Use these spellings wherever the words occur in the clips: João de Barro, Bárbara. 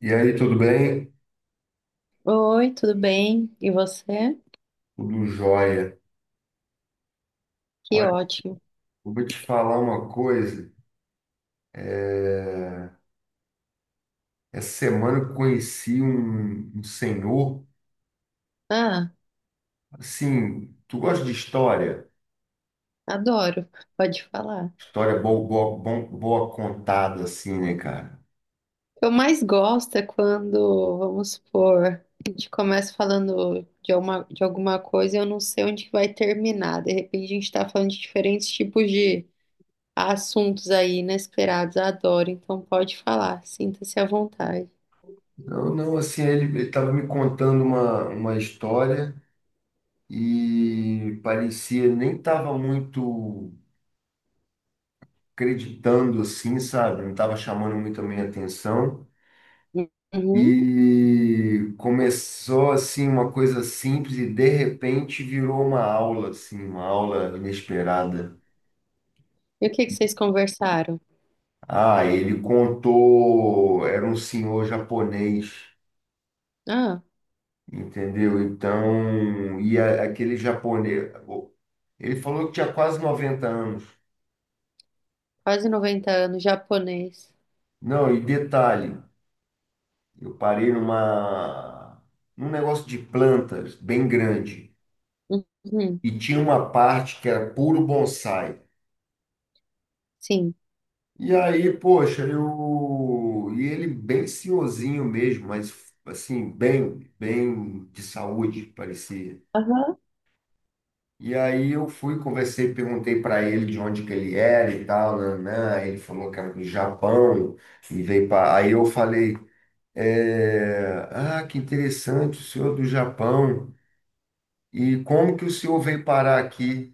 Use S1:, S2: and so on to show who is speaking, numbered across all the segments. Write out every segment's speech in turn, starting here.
S1: E aí, tudo bem?
S2: Oi, tudo bem? E você?
S1: Tudo jóia.
S2: Que
S1: Olha,
S2: ótimo.
S1: eu vou te falar uma coisa. É, Essa semana eu conheci um senhor.
S2: Ah,
S1: Assim, tu gosta de história?
S2: adoro. Pode falar. O
S1: História boa, boa contada, assim, né, cara?
S2: que eu mais gosto é quando, vamos supor, a gente começa falando de alguma coisa e eu não sei onde que vai terminar. De repente a gente está falando de diferentes tipos de assuntos aí inesperados. Adoro. Então pode falar. Sinta-se à vontade.
S1: Não, não, assim, ele tava me contando uma história e parecia, nem tava muito acreditando, assim, sabe? Não tava chamando muito a minha atenção.
S2: Uhum.
S1: E começou assim uma coisa simples e de repente virou uma aula assim, uma aula inesperada.
S2: E o que que vocês conversaram?
S1: Ah, ele contou, era um senhor japonês,
S2: Ah,
S1: entendeu? Então, aquele japonês, ele falou que tinha quase 90 anos.
S2: quase 90 anos, japonês.
S1: Não, e detalhe, eu parei numa num negócio de plantas bem grande
S2: Uhum.
S1: e tinha uma parte que era puro bonsai.
S2: Sim.
S1: E aí, poxa, eu. E ele bem senhorzinho mesmo, mas assim, bem, bem de saúde, parecia.
S2: Aham.
S1: E aí eu fui, conversei, perguntei para ele de onde que ele era e tal, né? Ele falou que era do Japão e veio para. Aí eu falei, ah, que interessante, o senhor é do Japão. E como que o senhor veio parar aqui?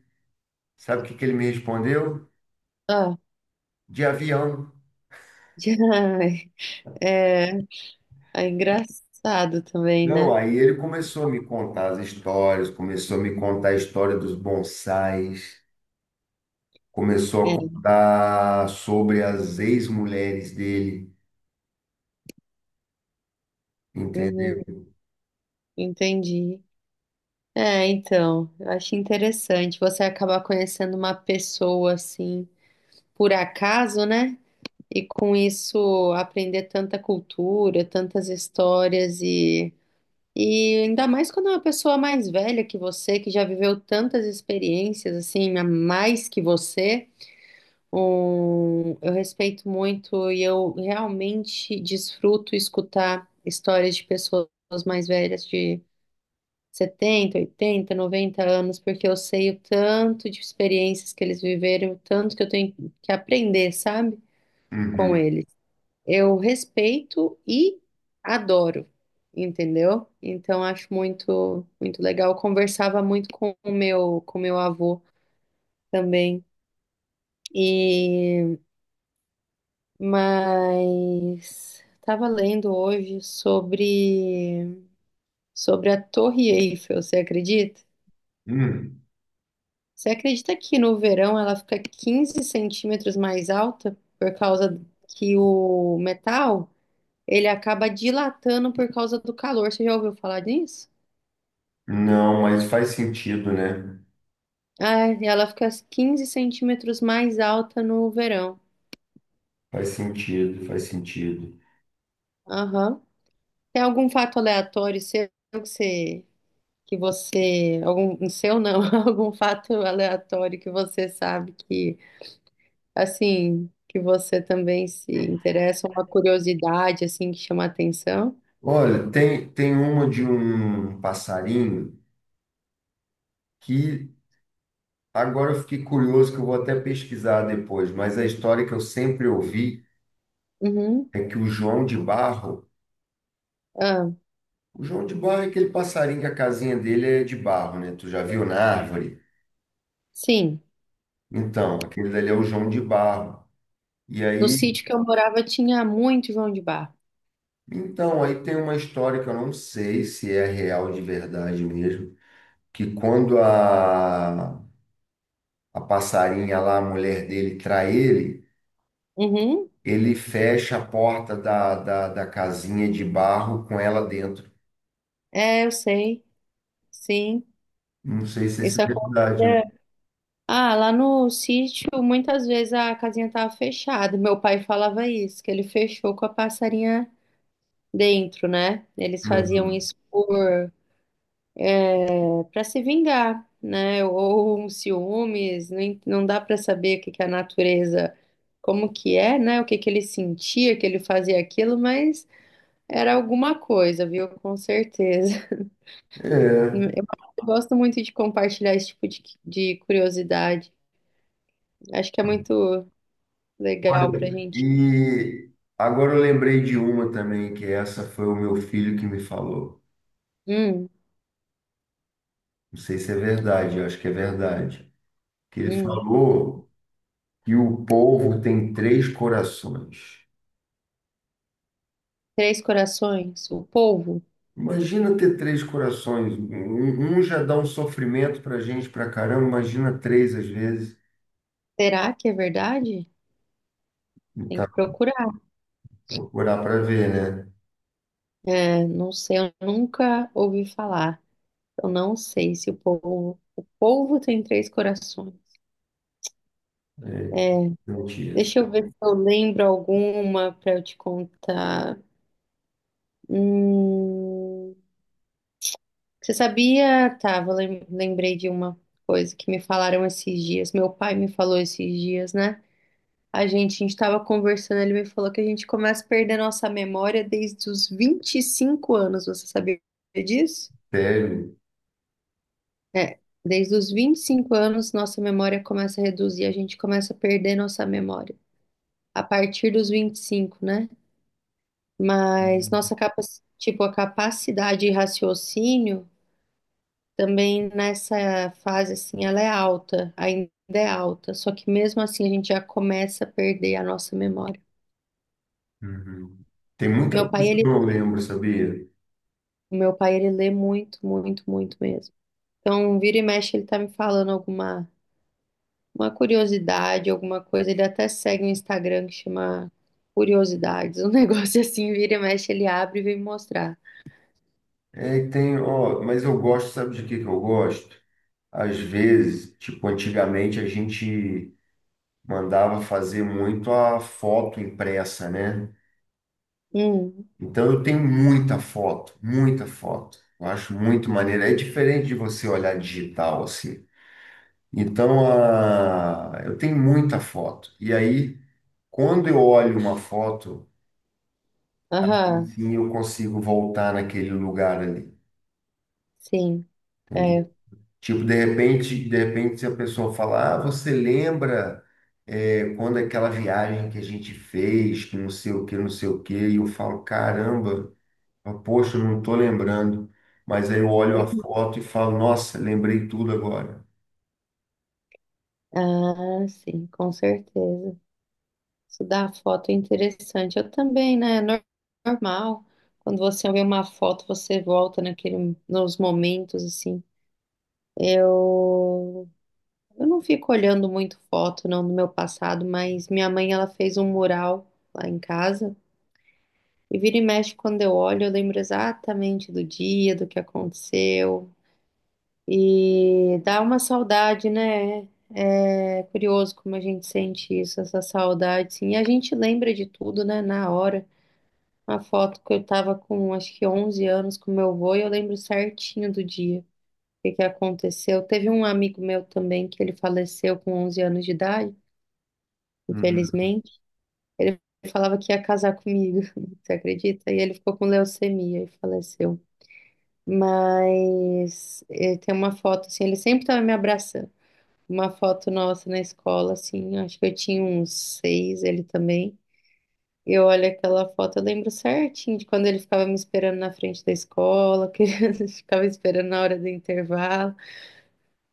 S1: Sabe o que que ele me respondeu? De avião.
S2: Ai, é, é engraçado também,
S1: Não,
S2: né?
S1: aí ele começou a me contar as histórias, começou a me contar a história dos bonsais, começou a
S2: É,
S1: contar sobre as ex-mulheres dele, entendeu?
S2: uhum, entendi. É, então, eu acho interessante você acabar conhecendo uma pessoa assim, por acaso, né? E com isso aprender tanta cultura, tantas histórias e ainda mais quando é uma pessoa mais velha que você, que já viveu tantas experiências assim, a mais que você. Um, eu respeito muito e eu realmente desfruto escutar histórias de pessoas mais velhas de 70, 80, 90 anos, porque eu sei o tanto de experiências que eles viveram, o tanto que eu tenho que aprender, sabe, com
S1: Uhum.
S2: eles. Eu respeito e adoro, entendeu? Então acho muito, muito legal. Eu conversava muito com o meu avô também. E mas estava lendo hoje sobre a Torre Eiffel, você acredita?
S1: Hum.
S2: Você acredita que no verão ela fica 15 centímetros mais alta por causa que o metal ele acaba dilatando por causa do calor? Você já ouviu falar disso?
S1: Não, mas faz sentido, né?
S2: Ah, e ela fica 15 centímetros mais alta no verão.
S1: Faz sentido, faz sentido.
S2: Aham. Tem algum fato aleatório seu que você algum, não seu não, algum fato aleatório que você sabe que, assim, que você também se interessa, uma curiosidade, assim, que chama a atenção?
S1: Olha, tem, tem uma de um passarinho que agora eu fiquei curioso, que eu vou até pesquisar depois, mas a história que eu sempre ouvi
S2: Uhum.
S1: é que o João de Barro.
S2: Ah,
S1: O João de Barro é aquele passarinho que a casinha dele é de barro, né? Tu já viu na árvore?
S2: sim,
S1: Então, aquele dali é o João de Barro. E
S2: no
S1: aí,
S2: sítio que eu morava tinha muito João de Barro.
S1: então, aí tem uma história que eu não sei se é real de verdade mesmo, que quando a passarinha lá, a mulher dele, trai ele,
S2: Uhum.
S1: ele fecha a porta da casinha de barro com ela dentro.
S2: É, eu sei, sim,
S1: Não sei se isso
S2: isso
S1: é verdade, né?
S2: acontecia. Ah, lá no sítio, muitas vezes a casinha tava fechada. Meu pai falava isso, que ele fechou com a passarinha dentro, né? Eles faziam
S1: Uhum.
S2: isso por para se vingar, né? Ou um ciúmes, não dá para saber o que que a natureza, como que é, né? O que que ele sentia, que ele fazia aquilo, mas era alguma coisa, viu? Com certeza.
S1: É.
S2: Eu gosto muito de compartilhar esse tipo de curiosidade. Acho que é muito legal pra
S1: Olha,
S2: gente.
S1: e agora eu lembrei de uma também, que essa foi o meu filho que me falou.
S2: Hum,
S1: Não sei se é verdade, eu acho que é verdade. Que ele
S2: hum.
S1: falou que o povo tem três corações.
S2: Três corações, o polvo.
S1: Imagina ter três corações. Um já dá um sofrimento pra gente pra caramba, imagina três às vezes.
S2: Será que é verdade? Tem que
S1: Então,
S2: procurar.
S1: procurar pra ver, né?
S2: É, não sei, eu nunca ouvi falar. Eu não sei se o povo. O povo tem três corações.
S1: É, não tinha isso.
S2: Deixa eu ver se eu lembro alguma para eu te contar. Hum, você sabia? Tá, lembrei de uma coisa que me falaram esses dias. Meu pai me falou esses dias, né? A gente estava conversando, ele me falou que a gente começa a perder nossa memória desde os 25 anos. Você sabia disso?
S1: Sério.
S2: É, desde os 25 anos, nossa memória começa a reduzir, a gente começa a perder nossa memória, a partir dos 25, né? Mas tipo, a capacidade de raciocínio também nessa fase assim, ela é alta, ainda é alta, só que mesmo assim a gente já começa a perder a nossa memória.
S1: Uhum. Tem muita
S2: Meu
S1: coisa
S2: pai,
S1: que
S2: ele,
S1: eu não lembro, sabia?
S2: o meu pai, ele lê muito mesmo. Então, vira e mexe, ele tá me falando alguma uma curiosidade, alguma coisa. Ele até segue um Instagram que chama Curiosidades. Um negócio assim, vira e mexe, ele abre e vem me mostrar.
S1: É, e tem, ó, mas eu gosto, sabe de que eu gosto? Às vezes, tipo, antigamente a gente mandava fazer muito a foto impressa, né?
S2: Hum,
S1: Então eu tenho muita foto, muita foto. Eu acho muito maneiro. É diferente de você olhar digital assim. Então, a... eu tenho muita foto. E aí, quando eu olho uma foto,
S2: aham.
S1: enfim, eu consigo voltar naquele lugar ali.
S2: Sim, é.
S1: Tipo, de repente, se a pessoa falar, ah, você lembra é, quando aquela viagem que a gente fez, que não sei o que, não sei o que, e eu falo, caramba, poxa, eu não tô lembrando. Mas aí eu olho a
S2: Uhum.
S1: foto e falo, nossa, lembrei tudo agora.
S2: Ah, sim, com certeza. Estudar a foto é interessante. Eu também, né? É normal. Quando você vê uma foto, você volta naquele, nos momentos, assim. Eu, eu não fico olhando muito foto, não, do meu passado, mas minha mãe, ela fez um mural lá em casa. E vira e mexe, quando eu olho, eu lembro exatamente do dia, do que aconteceu. E dá uma saudade, né? É curioso como a gente sente isso, essa saudade, sim. E a gente lembra de tudo, né, na hora. Uma foto que eu tava com, acho que 11 anos com meu avô e eu lembro certinho do dia, o que que aconteceu. Teve um amigo meu também que ele faleceu com 11 anos de idade,
S1: Uhum.
S2: infelizmente. Ele falava que ia casar comigo, você acredita? E ele ficou com leucemia e faleceu. Mas eh, tem uma foto assim, ele sempre estava me abraçando, uma foto nossa na escola, assim, acho que eu tinha uns seis, ele também. Eu olho aquela foto, eu lembro certinho de quando ele ficava me esperando na frente da escola, que ele ficava esperando na hora do intervalo,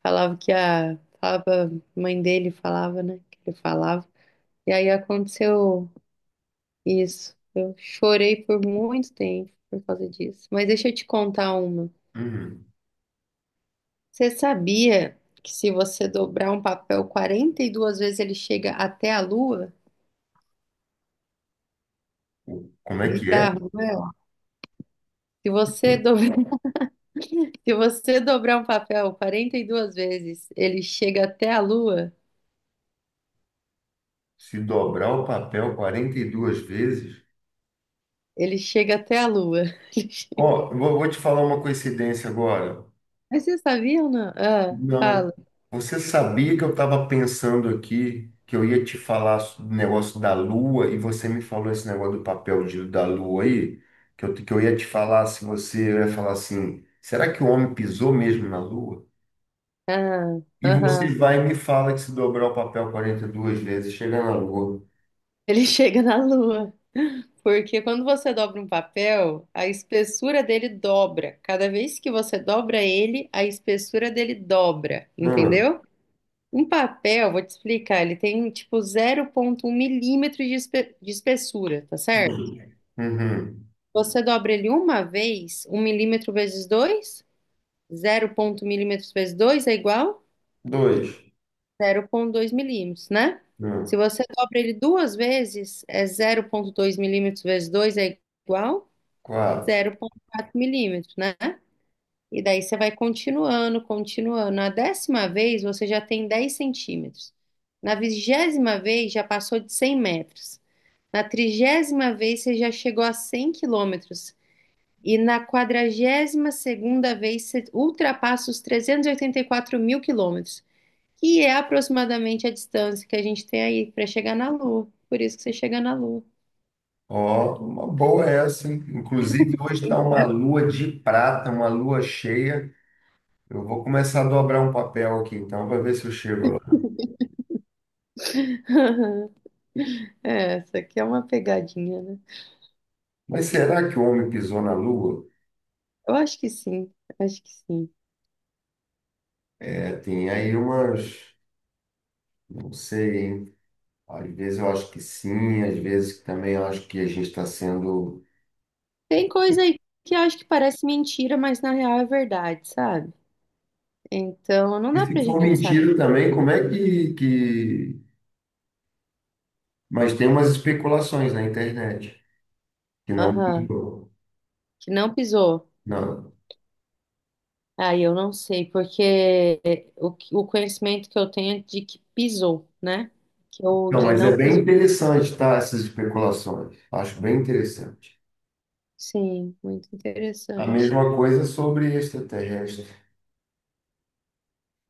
S2: falava que a, falava, a mãe dele falava, né, que ele falava. E aí aconteceu isso. Eu chorei por muito tempo por causa disso. Mas deixa eu te contar uma.
S1: Uhum.
S2: Você sabia que se você dobrar um papel 42 vezes ele chega até a lua?
S1: Como é que é?
S2: Bizarro, né? Se você dobrar, se você dobrar um papel 42 vezes, ele chega até a lua.
S1: Se dobrar o papel 42 vezes?
S2: Ele chega até a lua. Ele chega-
S1: Ó, eu vou te falar uma coincidência agora.
S2: Mas você sabia ou não? Ah,
S1: Não.
S2: fala.
S1: Você sabia que eu estava pensando aqui que eu ia te falar do negócio da Lua e você me falou esse negócio do papel de, da Lua aí? Que eu ia te falar, se você eu ia falar assim, será que o homem pisou mesmo na Lua?
S2: Ah,
S1: E você
S2: aham.
S1: vai e me fala que se dobrar o papel quarenta e duas vezes, chega na Lua.
S2: Ele chega na lua. Porque quando você dobra um papel, a espessura dele dobra. Cada vez que você dobra ele, a espessura dele dobra.
S1: Um,
S2: Entendeu? Um papel, vou te explicar, ele tem tipo 0,1 milímetro de espessura, tá certo?
S1: uhum,
S2: Você dobra ele uma vez, um milímetro vezes 2, 0,1 milímetros vezes 2 é igual
S1: dois,
S2: a zero ponto dois milímetros, né? Se
S1: um,
S2: você dobra ele duas vezes, é zero ponto dois milímetros vezes 2 é igual a
S1: quatro.
S2: zero ponto quatro milímetros, né? E daí você vai continuando. Na décima vez, você já tem 10 centímetros. Na vigésima vez, já passou de 100 metros. Na trigésima vez, você já chegou a 100 quilômetros. E na quadragésima segunda vez ultrapassa os 384 mil quilômetros, que é aproximadamente a distância que a gente tem aí para chegar na Lua. Por isso que você chega na Lua.
S1: Ó, uma boa essa, hein? Inclusive, hoje está uma lua de prata, uma lua cheia. Eu vou começar a dobrar um papel aqui então para ver se eu chego lá.
S2: É, essa aqui é uma pegadinha, né?
S1: Mas será que o homem pisou na Lua?
S2: Eu acho que sim, acho que sim.
S1: É, tem aí umas, não sei, hein? Às vezes eu acho que sim, às vezes também eu acho que a gente está sendo.
S2: Tem coisa aí que eu acho que parece mentira, mas na real é verdade, sabe? Então não
S1: E
S2: dá
S1: se
S2: pra
S1: for
S2: gente saber.
S1: mentira também, como é que... Mas tem umas especulações na internet que não
S2: Aham,
S1: pisou.
S2: que não pisou.
S1: Não.
S2: Ah, eu não sei, porque o conhecimento que eu tenho é de que pisou, né? Que eu
S1: Não,
S2: de
S1: mas é
S2: não
S1: bem
S2: pisou.
S1: interessante, tá? Essas especulações. Acho bem interessante.
S2: Sim, muito
S1: A
S2: interessante.
S1: mesma coisa sobre extraterrestre,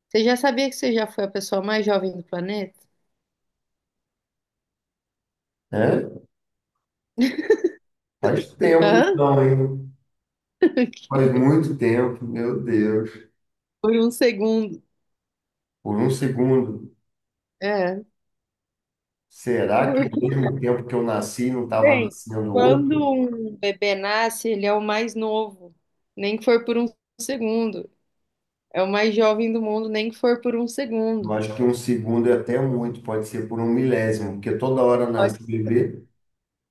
S2: Você já sabia que você já foi a pessoa mais jovem do planeta?
S1: né? Faz tempo,
S2: Hã?
S1: não, hein? Faz muito tempo, meu Deus.
S2: Por um segundo.
S1: Por um segundo,
S2: É,
S1: será que ao
S2: porque,
S1: mesmo tempo que eu nasci não estava
S2: bem,
S1: nascendo
S2: quando
S1: outro?
S2: um bebê nasce, ele é o mais novo, nem que for por um segundo. É o mais jovem do mundo, nem que for por um
S1: Eu
S2: segundo.
S1: acho que um segundo é até muito, pode ser por um milésimo, porque toda hora
S2: Pode.
S1: nasce um bebê.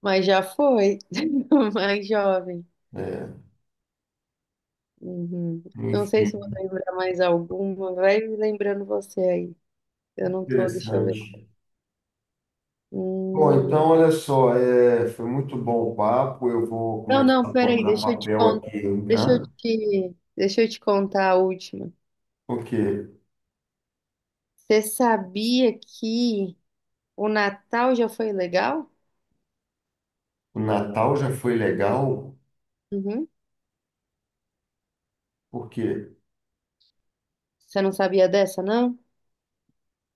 S2: Mas já foi, o mais jovem.
S1: É,
S2: Uhum. Não sei se vou
S1: enfim,
S2: lembrar mais alguma. Vai lembrando você aí. Eu não tô, deixa eu ver.
S1: interessante. Bom, então
S2: Hum.
S1: olha só, é, foi muito bom o papo. Eu vou
S2: Não,
S1: começar
S2: não,
S1: a
S2: peraí,
S1: dobrar
S2: deixa eu te
S1: papel
S2: contar.
S1: aqui,
S2: Deixa eu
S1: né?
S2: te, deixa eu te contar a última.
S1: Porque
S2: Você sabia que o Natal já foi legal?
S1: o Natal já foi legal?
S2: Uhum.
S1: Por quê?
S2: Você não sabia dessa, não?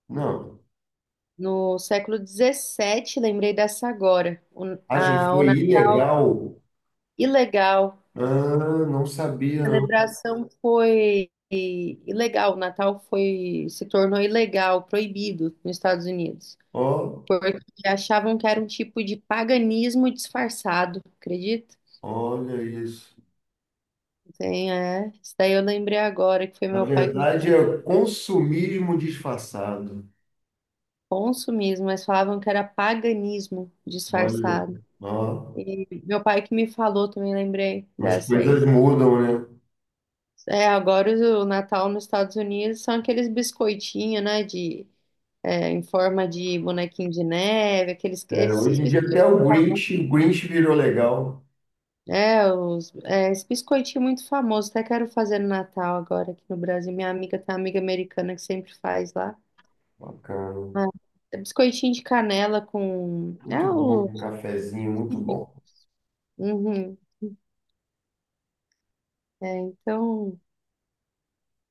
S1: Não.
S2: No século XVII, lembrei dessa agora. O,
S1: Ah, já
S2: a, o,
S1: foi
S2: na-
S1: ilegal?
S2: Ilegal.
S1: Ah, não sabia.
S2: Celebração foi ilegal, o Natal foi, se tornou ilegal, proibido nos Estados Unidos,
S1: Ó,
S2: porque achavam que era um tipo de paganismo disfarçado, acredita?
S1: olha isso.
S2: Sim, é. Isso daí eu lembrei agora que foi
S1: Na
S2: meu pai que me
S1: verdade,
S2: contou
S1: é consumismo disfarçado.
S2: consumismo, mas falavam que era paganismo
S1: Olha,
S2: disfarçado.
S1: ó,
S2: E meu pai que me falou também, lembrei
S1: as
S2: dessa
S1: coisas
S2: aí.
S1: mudam, né?
S2: É, agora o Natal nos Estados Unidos são aqueles biscoitinhos, né, de é, em forma de bonequinho de neve, aqueles,
S1: É,
S2: esses
S1: hoje em dia até
S2: biscoitinhos,
S1: o Grinch virou legal.
S2: é, os, é, esse biscoitinho muito famoso, até quero fazer no Natal agora aqui no Brasil. Minha amiga tem uma amiga americana que sempre faz lá.
S1: Bacana.
S2: Ah, é biscoitinho de canela com. É
S1: Muito bom,
S2: o.
S1: um cafezinho, muito bom.
S2: Uhum. É, então,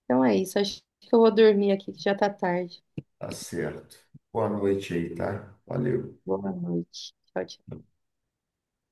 S2: então é isso. Acho que eu vou dormir aqui que já tá tarde.
S1: Tá certo. Boa noite aí, tá? Valeu.
S2: Boa noite. Tchau, tchau.